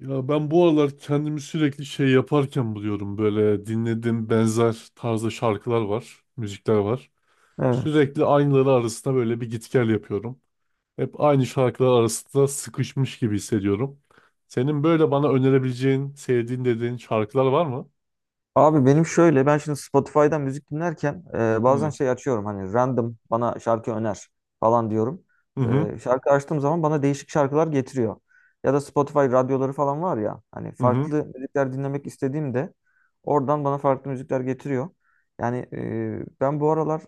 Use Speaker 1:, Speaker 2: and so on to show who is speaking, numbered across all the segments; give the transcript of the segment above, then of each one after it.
Speaker 1: Ya ben bu aralar kendimi sürekli şey yaparken buluyorum. Böyle dinlediğim benzer tarzda şarkılar var, müzikler var.
Speaker 2: Evet.
Speaker 1: Sürekli aynıları arasında böyle bir git gel yapıyorum. Hep aynı şarkılar arasında sıkışmış gibi hissediyorum. Senin böyle bana önerebileceğin, sevdiğin dediğin şarkılar var mı?
Speaker 2: Abi benim şöyle ben şimdi Spotify'dan müzik dinlerken bazen
Speaker 1: Hı
Speaker 2: şey açıyorum hani random bana şarkı öner falan diyorum.
Speaker 1: hı, hı
Speaker 2: Şarkı açtığım zaman bana değişik şarkılar getiriyor. Ya da Spotify radyoları falan var ya hani
Speaker 1: hı,
Speaker 2: farklı müzikler dinlemek istediğimde oradan bana farklı müzikler getiriyor. Yani ben bu aralar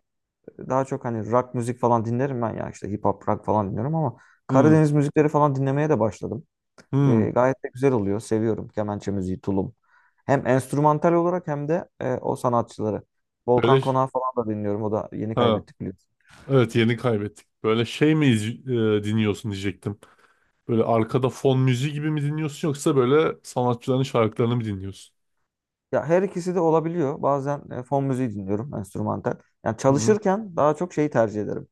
Speaker 2: daha çok hani rock müzik falan dinlerim ben ya işte hip hop rock falan dinliyorum ama
Speaker 1: hı.
Speaker 2: Karadeniz müzikleri falan dinlemeye de başladım.
Speaker 1: Hı.
Speaker 2: Gayet de güzel oluyor. Seviyorum kemençe müziği, tulum. Hem enstrümantal olarak hem de o sanatçıları. Volkan
Speaker 1: Böyle,
Speaker 2: Konağı falan da dinliyorum. O da yeni
Speaker 1: ha,
Speaker 2: kaybettik, biliyorsun.
Speaker 1: evet, yeni kaybettik. Böyle şey mi iz- dinliyorsun diyecektim. Böyle arkada fon müziği gibi mi dinliyorsun yoksa böyle sanatçıların şarkılarını mı dinliyorsun?
Speaker 2: Ya, her ikisi de olabiliyor. Bazen fon müziği dinliyorum, enstrümantal. Yani
Speaker 1: Hı hı.
Speaker 2: çalışırken daha çok şeyi tercih ederim.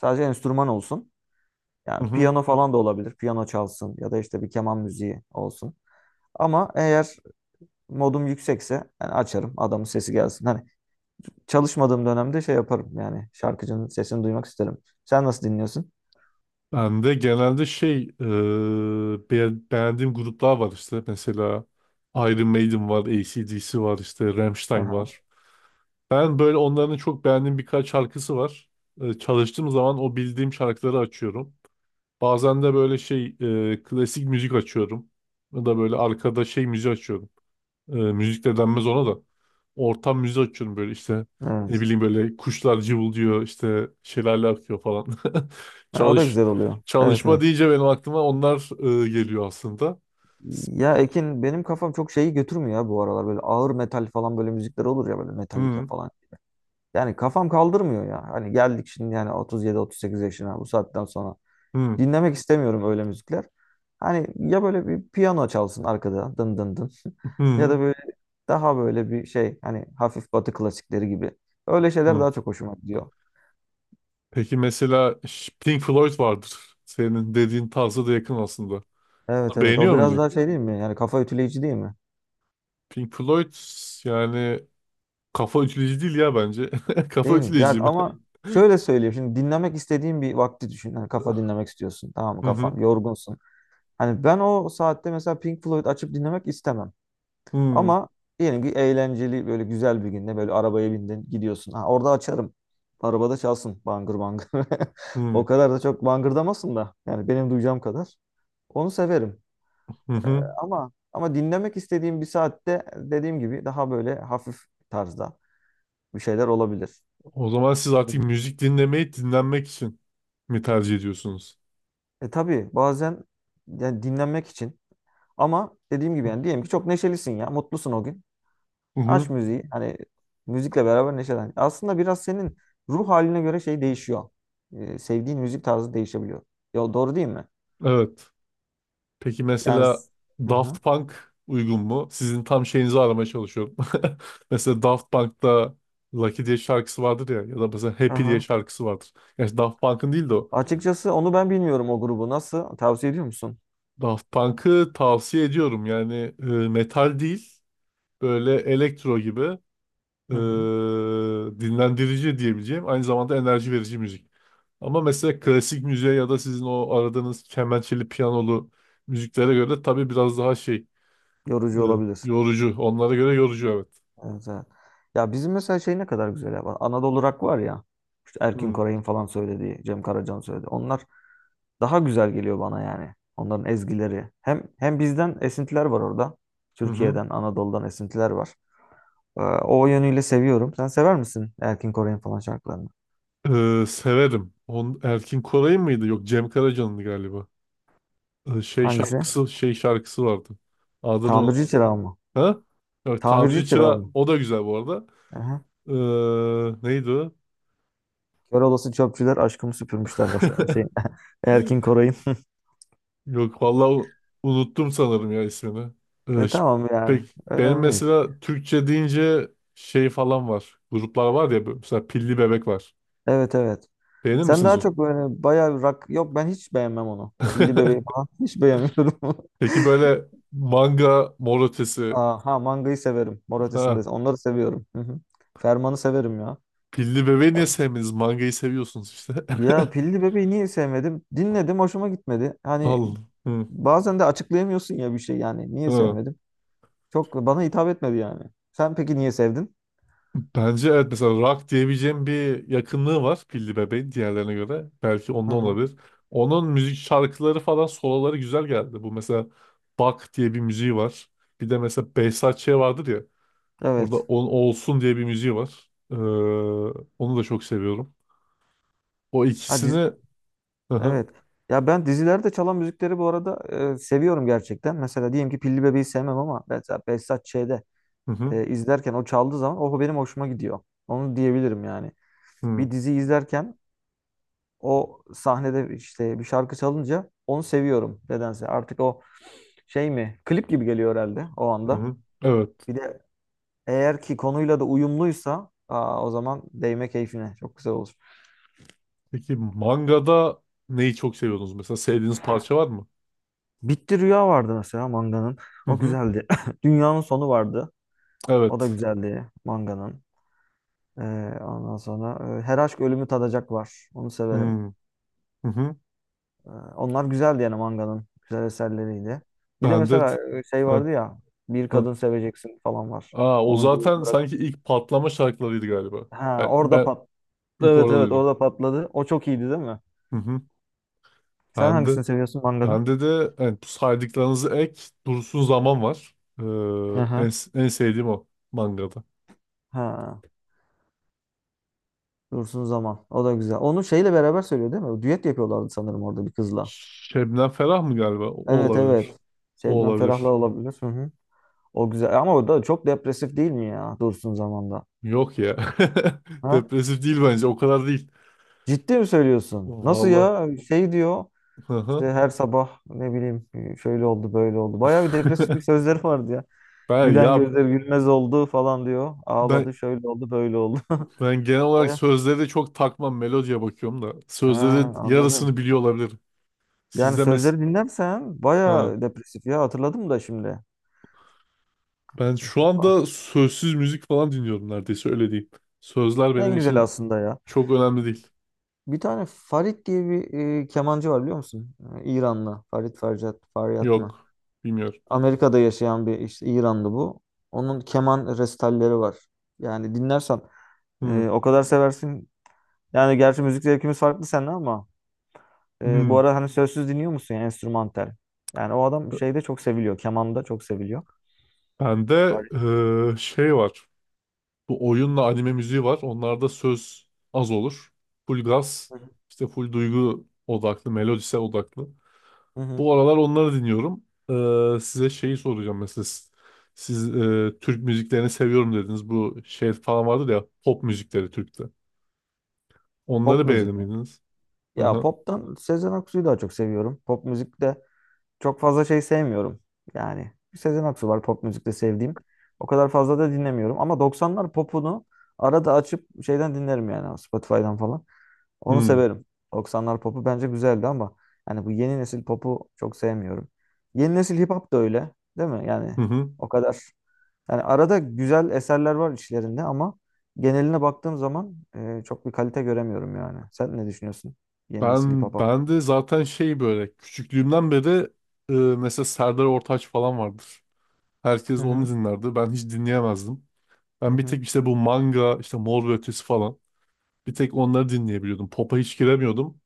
Speaker 2: Sadece enstrüman olsun. Yani
Speaker 1: Hı hı.
Speaker 2: piyano falan da olabilir. Piyano çalsın ya da işte bir keman müziği olsun. Ama eğer modum yüksekse yani açarım. Adamın sesi gelsin. Hani çalışmadığım dönemde şey yaparım yani şarkıcının sesini duymak isterim. Sen nasıl dinliyorsun?
Speaker 1: Ben de genelde beğendiğim gruplar var, işte mesela Iron Maiden var, AC/DC var, işte Rammstein
Speaker 2: Aha.
Speaker 1: var. Ben böyle onların çok beğendiğim birkaç şarkısı var. Çalıştığım zaman o bildiğim şarkıları açıyorum. Bazen de klasik müzik açıyorum. Ya da böyle arkada şey müzik açıyorum. Müzik de denmez ona da. Ortam müziği açıyorum böyle işte. Ne
Speaker 2: Evet.
Speaker 1: bileyim, böyle kuşlar cıvıldıyor, işte şelale akıyor falan.
Speaker 2: Ha, o da
Speaker 1: Çalış
Speaker 2: güzel oluyor. Evet,
Speaker 1: Çalışma
Speaker 2: evet.
Speaker 1: deyince benim aklıma onlar geliyor aslında.
Speaker 2: Ya Ekin, benim kafam çok şeyi götürmüyor ya bu aralar, böyle ağır metal falan böyle müzikler olur ya, böyle Metallica
Speaker 1: Hı,
Speaker 2: falan. Yani kafam kaldırmıyor ya. Hani geldik şimdi yani 37-38 yaşına bu saatten sonra.
Speaker 1: hı,
Speaker 2: Dinlemek istemiyorum öyle müzikler. Hani ya böyle bir piyano çalsın arkada dın dın dın. Ya
Speaker 1: hı,
Speaker 2: da böyle daha böyle bir şey, hani hafif batı klasikleri gibi. Öyle şeyler
Speaker 1: hı.
Speaker 2: daha çok hoşuma gidiyor.
Speaker 1: Peki mesela Pink Floyd vardır. Senin dediğin tarzı da yakın aslında.
Speaker 2: Evet,
Speaker 1: Onu
Speaker 2: evet, o
Speaker 1: beğeniyor
Speaker 2: biraz
Speaker 1: muydun?
Speaker 2: daha şey değil mi? Yani kafa ütüleyici değil mi?
Speaker 1: Pink Floyd, yani kafa ütüleyici değil ya, bence. Kafa
Speaker 2: Değil mi? Yani
Speaker 1: ütüleyici mi?
Speaker 2: ama şöyle söyleyeyim, şimdi dinlemek istediğin bir vakti düşün. Hani kafa dinlemek istiyorsun, tamam mı,
Speaker 1: Hı
Speaker 2: kafan
Speaker 1: hı.
Speaker 2: yorgunsun. Hani ben o saatte mesela Pink Floyd açıp dinlemek istemem.
Speaker 1: Hı
Speaker 2: Ama diyelim ki eğlenceli böyle güzel bir günde böyle arabaya bindin gidiyorsun. Ha, orada açarım. Arabada çalsın bangır bangır. O
Speaker 1: hı.
Speaker 2: kadar da çok bangırdamasın da yani, benim duyacağım kadar. Onu severim.
Speaker 1: Hı
Speaker 2: Ee,
Speaker 1: hı.
Speaker 2: ama dinlemek istediğim bir saatte, dediğim gibi, daha böyle hafif tarzda bir şeyler olabilir.
Speaker 1: O zaman siz artık
Speaker 2: Evet.
Speaker 1: müzik dinlemeyi dinlenmek için mi tercih ediyorsunuz?
Speaker 2: Tabii bazen yani dinlenmek için, ama dediğim gibi yani, diyelim ki çok neşelisin ya, mutlusun o gün.
Speaker 1: Hı
Speaker 2: Aç
Speaker 1: hı.
Speaker 2: müziği, hani müzikle beraber neşelen. Aslında biraz senin ruh haline göre şey değişiyor. Sevdiğin müzik tarzı değişebiliyor. Ya, doğru değil mi?
Speaker 1: Evet. Peki
Speaker 2: Yani.
Speaker 1: mesela
Speaker 2: Hı hı.
Speaker 1: Daft Punk uygun mu? Sizin tam şeyinizi aramaya çalışıyorum. Mesela Daft Punk'ta Lucky diye şarkısı vardır ya, ya da mesela
Speaker 2: Hı
Speaker 1: Happy diye
Speaker 2: hı.
Speaker 1: şarkısı vardır. Yani Daft Punk'ın değil de o.
Speaker 2: Açıkçası onu ben bilmiyorum, o grubu. Nasıl? Tavsiye ediyor musun?
Speaker 1: Daft Punk'ı tavsiye ediyorum. Yani metal değil, böyle elektro gibi. e,
Speaker 2: Hı hı.
Speaker 1: Dinlendirici diyebileceğim, aynı zamanda enerji verici müzik. Ama mesela klasik müziğe ya da sizin o aradığınız kemençeli piyanolu müziklere göre tabii biraz daha e,
Speaker 2: Yorucu olabilir.
Speaker 1: yorucu. Onlara göre yorucu, evet.
Speaker 2: Evet, evet. Ya bizim mesela şey ne kadar güzel ya. Anadolu Rock var ya. İşte Erkin
Speaker 1: Hmm.
Speaker 2: Koray'ın falan söylediği, Cem Karaca'nın söylediği. Onlar daha güzel geliyor bana yani. Onların ezgileri. Hem bizden esintiler var orada.
Speaker 1: Hı hı.
Speaker 2: Türkiye'den, Anadolu'dan esintiler var. O yönüyle seviyorum. Sen sever misin Erkin Koray'ın falan şarkılarını?
Speaker 1: Severim. On, Erkin Koray'ın mıydı? Yok, Cem Karaca'nındı galiba. Şey
Speaker 2: Hangisi?
Speaker 1: şarkısı şey şarkısı vardı. Adını unuttum.
Speaker 2: Tamirci Çırağı mı?
Speaker 1: Ha? Evet,
Speaker 2: Tamirci
Speaker 1: Tamirci
Speaker 2: Çırağı
Speaker 1: Çıra,
Speaker 2: mı?
Speaker 1: o da güzel bu arada.
Speaker 2: Aha.
Speaker 1: E, neydi o?
Speaker 2: Kör olası çöpçüler aşkımı süpürmüşler var. Şey, Erkin Koray'ın.
Speaker 1: Yok, vallahi unuttum sanırım ya ismini. Ee,
Speaker 2: E,
Speaker 1: ş-
Speaker 2: tamam yani.
Speaker 1: Pek benim
Speaker 2: Önemli değil.
Speaker 1: mesela Türkçe deyince şey falan var. Gruplar var ya, böyle mesela Pilli Bebek var.
Speaker 2: Evet, evet.
Speaker 1: Beğenir
Speaker 2: Sen
Speaker 1: misiniz
Speaker 2: daha
Speaker 1: o?
Speaker 2: çok böyle bayağı rock, yok ben hiç beğenmem onu. Pilli Bebeği falan hiç beğenmiyorum.
Speaker 1: Peki böyle manga, Mor Ötesi.
Speaker 2: Aha, mangayı severim. Mor
Speaker 1: Ha,
Speaker 2: Ötesi'nde onları seviyorum. Hı hı. Ferman'ı severim ya.
Speaker 1: Pilli Bebeği niye sevmediniz? Mangayı seviyorsunuz işte.
Speaker 2: Ya, Pilli Bebeği niye sevmedim? Dinledim, hoşuma gitmedi. Hani
Speaker 1: Allah. Hı.
Speaker 2: bazen de açıklayamıyorsun ya bir şey yani. Niye
Speaker 1: Ha.
Speaker 2: sevmedim? Çok bana hitap etmedi yani. Sen peki niye sevdin?
Speaker 1: Bence evet, mesela rock diyebileceğim bir yakınlığı var Pilli Bebek'in diğerlerine göre. Belki
Speaker 2: Hı
Speaker 1: ondan
Speaker 2: hı.
Speaker 1: olabilir. Onun müzik şarkıları falan, soloları güzel geldi. Bu mesela Bak diye bir müziği var. Bir de mesela Behzat Ç. vardır ya. Orada
Speaker 2: Evet.
Speaker 1: On Olsun diye bir müziği var. Onu da çok seviyorum. O
Speaker 2: Ha,
Speaker 1: ikisini...
Speaker 2: dizi-
Speaker 1: Hı hı,
Speaker 2: evet. Ya ben dizilerde çalan müzikleri bu arada seviyorum gerçekten. Mesela diyelim ki Pilli Bebeği sevmem, ama mesela Behzat Ç'de
Speaker 1: hı hı,
Speaker 2: izlerken o çaldığı zaman o benim hoşuma gidiyor. Onu diyebilirim yani.
Speaker 1: hı
Speaker 2: Bir dizi izlerken o sahnede işte bir şarkı çalınca onu seviyorum nedense. Artık o şey mi? Klip gibi geliyor herhalde o anda.
Speaker 1: hı. Evet.
Speaker 2: Bir de eğer ki konuyla da uyumluysa, aa, o zaman değme keyfine. Çok güzel olur.
Speaker 1: Peki mangada neyi çok seviyorsunuz? Mesela sevdiğiniz parça var mı?
Speaker 2: Bitti Rüya vardı mesela manganın.
Speaker 1: Hı
Speaker 2: O
Speaker 1: hı.
Speaker 2: güzeldi. Dünyanın Sonu vardı. O da
Speaker 1: Evet.
Speaker 2: güzeldi manganın. Ee, ondan sonra Her Aşk Ölümü Tadacak var. Onu
Speaker 1: Hı
Speaker 2: severim.
Speaker 1: hı. Hı.
Speaker 2: Ee, Onlar güzeldi yani manganın. Güzel eserleriydi. Bir de
Speaker 1: Bende...
Speaker 2: mesela şey
Speaker 1: Hı.
Speaker 2: vardı ya, Bir
Speaker 1: Hı.
Speaker 2: Kadın Seveceksin falan var.
Speaker 1: Aa, o
Speaker 2: Onun gibi
Speaker 1: zaten
Speaker 2: bırak.
Speaker 1: sanki ilk patlama şarkılarıydı galiba.
Speaker 2: Ha,
Speaker 1: Ben,
Speaker 2: orada
Speaker 1: ben
Speaker 2: pat.
Speaker 1: ilk
Speaker 2: Evet,
Speaker 1: orada
Speaker 2: evet,
Speaker 1: duydum.
Speaker 2: orada patladı. O çok iyiydi değil mi?
Speaker 1: Hı hı.
Speaker 2: Sen
Speaker 1: Ben de
Speaker 2: hangisini seviyorsun mangada?
Speaker 1: bende de evet, bu saydıklarınızı dursun zaman var.
Speaker 2: Hı hı.
Speaker 1: En sevdiğim o mangada.
Speaker 2: Ha. Dursun Zaman. O da güzel. Onu şeyle beraber söylüyor değil mi? Düet yapıyorlardı sanırım orada bir kızla.
Speaker 1: Şebnem Ferah mı galiba? O
Speaker 2: Evet,
Speaker 1: olabilir.
Speaker 2: evet.
Speaker 1: O
Speaker 2: Şebnem Ferah'la
Speaker 1: olabilir.
Speaker 2: olabilir. Hı hı. O güzel. Ama o da çok depresif değil mi ya Dursun Zaman'da?
Speaker 1: Yok ya.
Speaker 2: Ha?
Speaker 1: Depresif değil bence. O kadar değil.
Speaker 2: Ciddi mi söylüyorsun? Nasıl
Speaker 1: Valla.
Speaker 2: ya? Şey diyor.
Speaker 1: Hı
Speaker 2: İşte
Speaker 1: hı.
Speaker 2: her sabah ne bileyim, şöyle oldu, böyle oldu. Bayağı bir depresif bir sözleri vardı ya.
Speaker 1: Ben
Speaker 2: Gülen
Speaker 1: ya
Speaker 2: gözler gülmez oldu falan diyor. Ağladı,
Speaker 1: ben
Speaker 2: şöyle oldu, böyle oldu.
Speaker 1: ben genel olarak
Speaker 2: Bayağı.
Speaker 1: sözleri de çok takmam. Melodiye bakıyorum da.
Speaker 2: He,
Speaker 1: Sözlerin
Speaker 2: anladım.
Speaker 1: yarısını biliyor olabilirim.
Speaker 2: Yani
Speaker 1: Sizde mes...
Speaker 2: sözleri dinlersen
Speaker 1: Ha.
Speaker 2: bayağı depresif ya, hatırladım da şimdi.
Speaker 1: Ben şu
Speaker 2: Ah,
Speaker 1: anda sözsüz müzik falan dinliyorum neredeyse, öyle diyeyim. Sözler
Speaker 2: en
Speaker 1: benim
Speaker 2: güzel
Speaker 1: için
Speaker 2: aslında ya.
Speaker 1: çok önemli değil.
Speaker 2: Bir tane Farid diye bir kemancı var, biliyor musun? İranlı. Farid Farjad, Faryat mı?
Speaker 1: Yok. Bilmiyorum.
Speaker 2: Amerika'da yaşayan bir işte İranlı bu. Onun keman resitalleri var. Yani dinlersen
Speaker 1: Hmm.
Speaker 2: o kadar seversin. Yani gerçi müzik zevkimiz farklı seninle, ama
Speaker 1: Hmm.
Speaker 2: bu arada hani sözsüz dinliyor musun yani, enstrümantal? Yani o adam şeyde çok seviliyor. Kemanda çok seviliyor.
Speaker 1: Bende
Speaker 2: Hayır.
Speaker 1: şey var. Bu oyunla anime müziği var. Onlarda söz az olur. Full gaz.
Speaker 2: Hı hı.
Speaker 1: İşte full duygu odaklı, melodisel odaklı.
Speaker 2: Hı hı.
Speaker 1: Bu aralar onları dinliyorum. Size şeyi soracağım mesela. Türk müziklerini seviyorum dediniz. Bu şey falan vardır ya, pop müzikleri Türk'te.
Speaker 2: Pop
Speaker 1: Onları beğenir
Speaker 2: müzik mi?
Speaker 1: miydiniz?
Speaker 2: Ya,
Speaker 1: Aha.
Speaker 2: poptan Sezen Aksu'yu daha çok seviyorum. Pop müzikte çok fazla şey sevmiyorum. Yani Sezen Aksu var pop müzikte sevdiğim. O kadar fazla da dinlemiyorum. Ama 90'lar popunu arada açıp şeyden dinlerim yani, Spotify'dan falan. Onu
Speaker 1: Hmm.
Speaker 2: severim. 90'lar popu bence güzeldi, ama yani bu yeni nesil popu çok sevmiyorum. Yeni nesil hip hop da öyle, değil mi? Yani
Speaker 1: Hı hı.
Speaker 2: o kadar. Yani arada güzel eserler var içlerinde, ama geneline baktığım zaman çok bir kalite göremiyorum yani. Sen ne düşünüyorsun? Yeni nesil hip hop
Speaker 1: Ben ben
Speaker 2: hakkında?
Speaker 1: de zaten şey böyle küçüklüğümden beri mesela Serdar Ortaç falan vardır.
Speaker 2: Hı
Speaker 1: Herkes onu
Speaker 2: hı.
Speaker 1: dinlerdi. Ben hiç dinleyemezdim.
Speaker 2: Hı
Speaker 1: Ben bir
Speaker 2: hı.
Speaker 1: tek işte bu manga, işte Mor ve Ötesi falan. Bir tek onları dinleyebiliyordum. Pop'a hiç giremiyordum.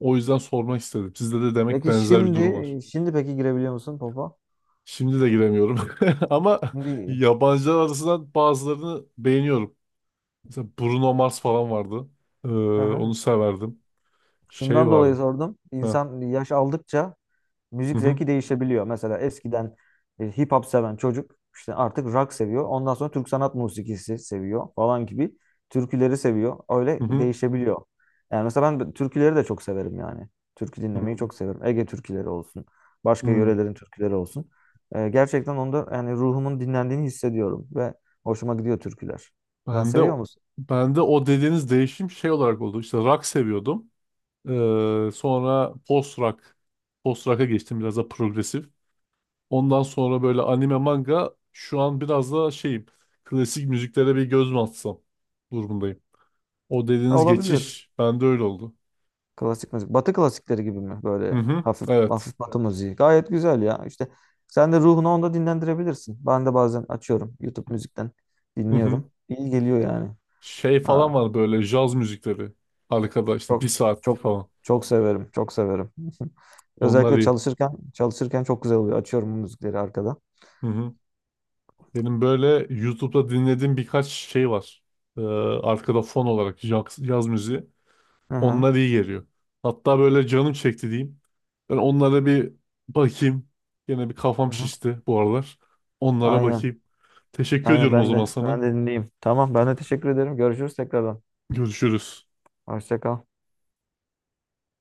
Speaker 1: O yüzden sormak istedim. Sizde de demek
Speaker 2: Peki
Speaker 1: benzer bir durum var.
Speaker 2: şimdi, peki girebiliyor musun popa?
Speaker 1: Şimdi de giremiyorum. Ama
Speaker 2: Şimdi
Speaker 1: yabancılar arasından bazılarını beğeniyorum. Mesela Bruno Mars falan vardı. Ee,
Speaker 2: aha.
Speaker 1: Onu severdim. Şey
Speaker 2: Şundan dolayı
Speaker 1: vardı.
Speaker 2: sordum.
Speaker 1: Ha.
Speaker 2: İnsan yaş aldıkça
Speaker 1: Hı
Speaker 2: müzik
Speaker 1: hı.
Speaker 2: zevki değişebiliyor. Mesela eskiden hip hop seven çocuk işte artık rock seviyor. Ondan sonra Türk sanat musikisi seviyor falan gibi. Türküleri seviyor.
Speaker 1: Hı
Speaker 2: Öyle
Speaker 1: hı.
Speaker 2: değişebiliyor. Yani mesela türküleri de çok severim yani. Türkü dinlemeyi
Speaker 1: Hı.
Speaker 2: çok severim. Ege türküleri olsun. Başka
Speaker 1: Hı.
Speaker 2: yörelerin türküleri olsun. Gerçekten onda yani ruhumun dinlendiğini hissediyorum ve hoşuma gidiyor türküler. Sen
Speaker 1: Ben de
Speaker 2: seviyor musun?
Speaker 1: ben de o dediğiniz değişim şey olarak oldu. İşte rock seviyordum. Sonra post rock'a geçtim, biraz da progresif. Ondan sonra böyle anime, manga, şu an biraz da şeyim, klasik müziklere bir göz mü atsam durumundayım. O
Speaker 2: Ha,
Speaker 1: dediğiniz
Speaker 2: olabilir.
Speaker 1: geçiş bende öyle oldu.
Speaker 2: Klasik müzik. Batı klasikleri gibi mi?
Speaker 1: Hı
Speaker 2: Böyle
Speaker 1: hı.
Speaker 2: hafif
Speaker 1: Evet.
Speaker 2: hafif batı müziği. Gayet güzel ya. İşte sen de ruhunu onda dinlendirebilirsin. Ben de bazen açıyorum YouTube müzikten,
Speaker 1: Hı hı.
Speaker 2: dinliyorum. İyi geliyor yani.
Speaker 1: Şey falan
Speaker 2: Ha,
Speaker 1: var, böyle jaz müzikleri. Arkada işte
Speaker 2: çok
Speaker 1: bir saat
Speaker 2: çok
Speaker 1: falan.
Speaker 2: çok severim. Çok severim.
Speaker 1: Onlar
Speaker 2: Özellikle
Speaker 1: iyi.
Speaker 2: çalışırken çok güzel oluyor. Açıyorum bu müzikleri arkada.
Speaker 1: Hı hı. Benim böyle YouTube'da dinlediğim birkaç şey var. Ee, Arkada fon olarak yaz müziği.
Speaker 2: Hı hı.
Speaker 1: Onlar iyi geliyor. Hatta böyle canım çekti diyeyim. Ben onlara bir bakayım. Yine bir
Speaker 2: Hı
Speaker 1: kafam
Speaker 2: hı.
Speaker 1: şişti bu aralar. Onlara
Speaker 2: Aynen.
Speaker 1: bakayım. Teşekkür
Speaker 2: Aynen
Speaker 1: ediyorum o
Speaker 2: ben
Speaker 1: zaman
Speaker 2: de ben
Speaker 1: sana.
Speaker 2: de dinleyeyim. Tamam, ben de teşekkür ederim. Görüşürüz tekrardan.
Speaker 1: Görüşürüz.
Speaker 2: Hoşça kal.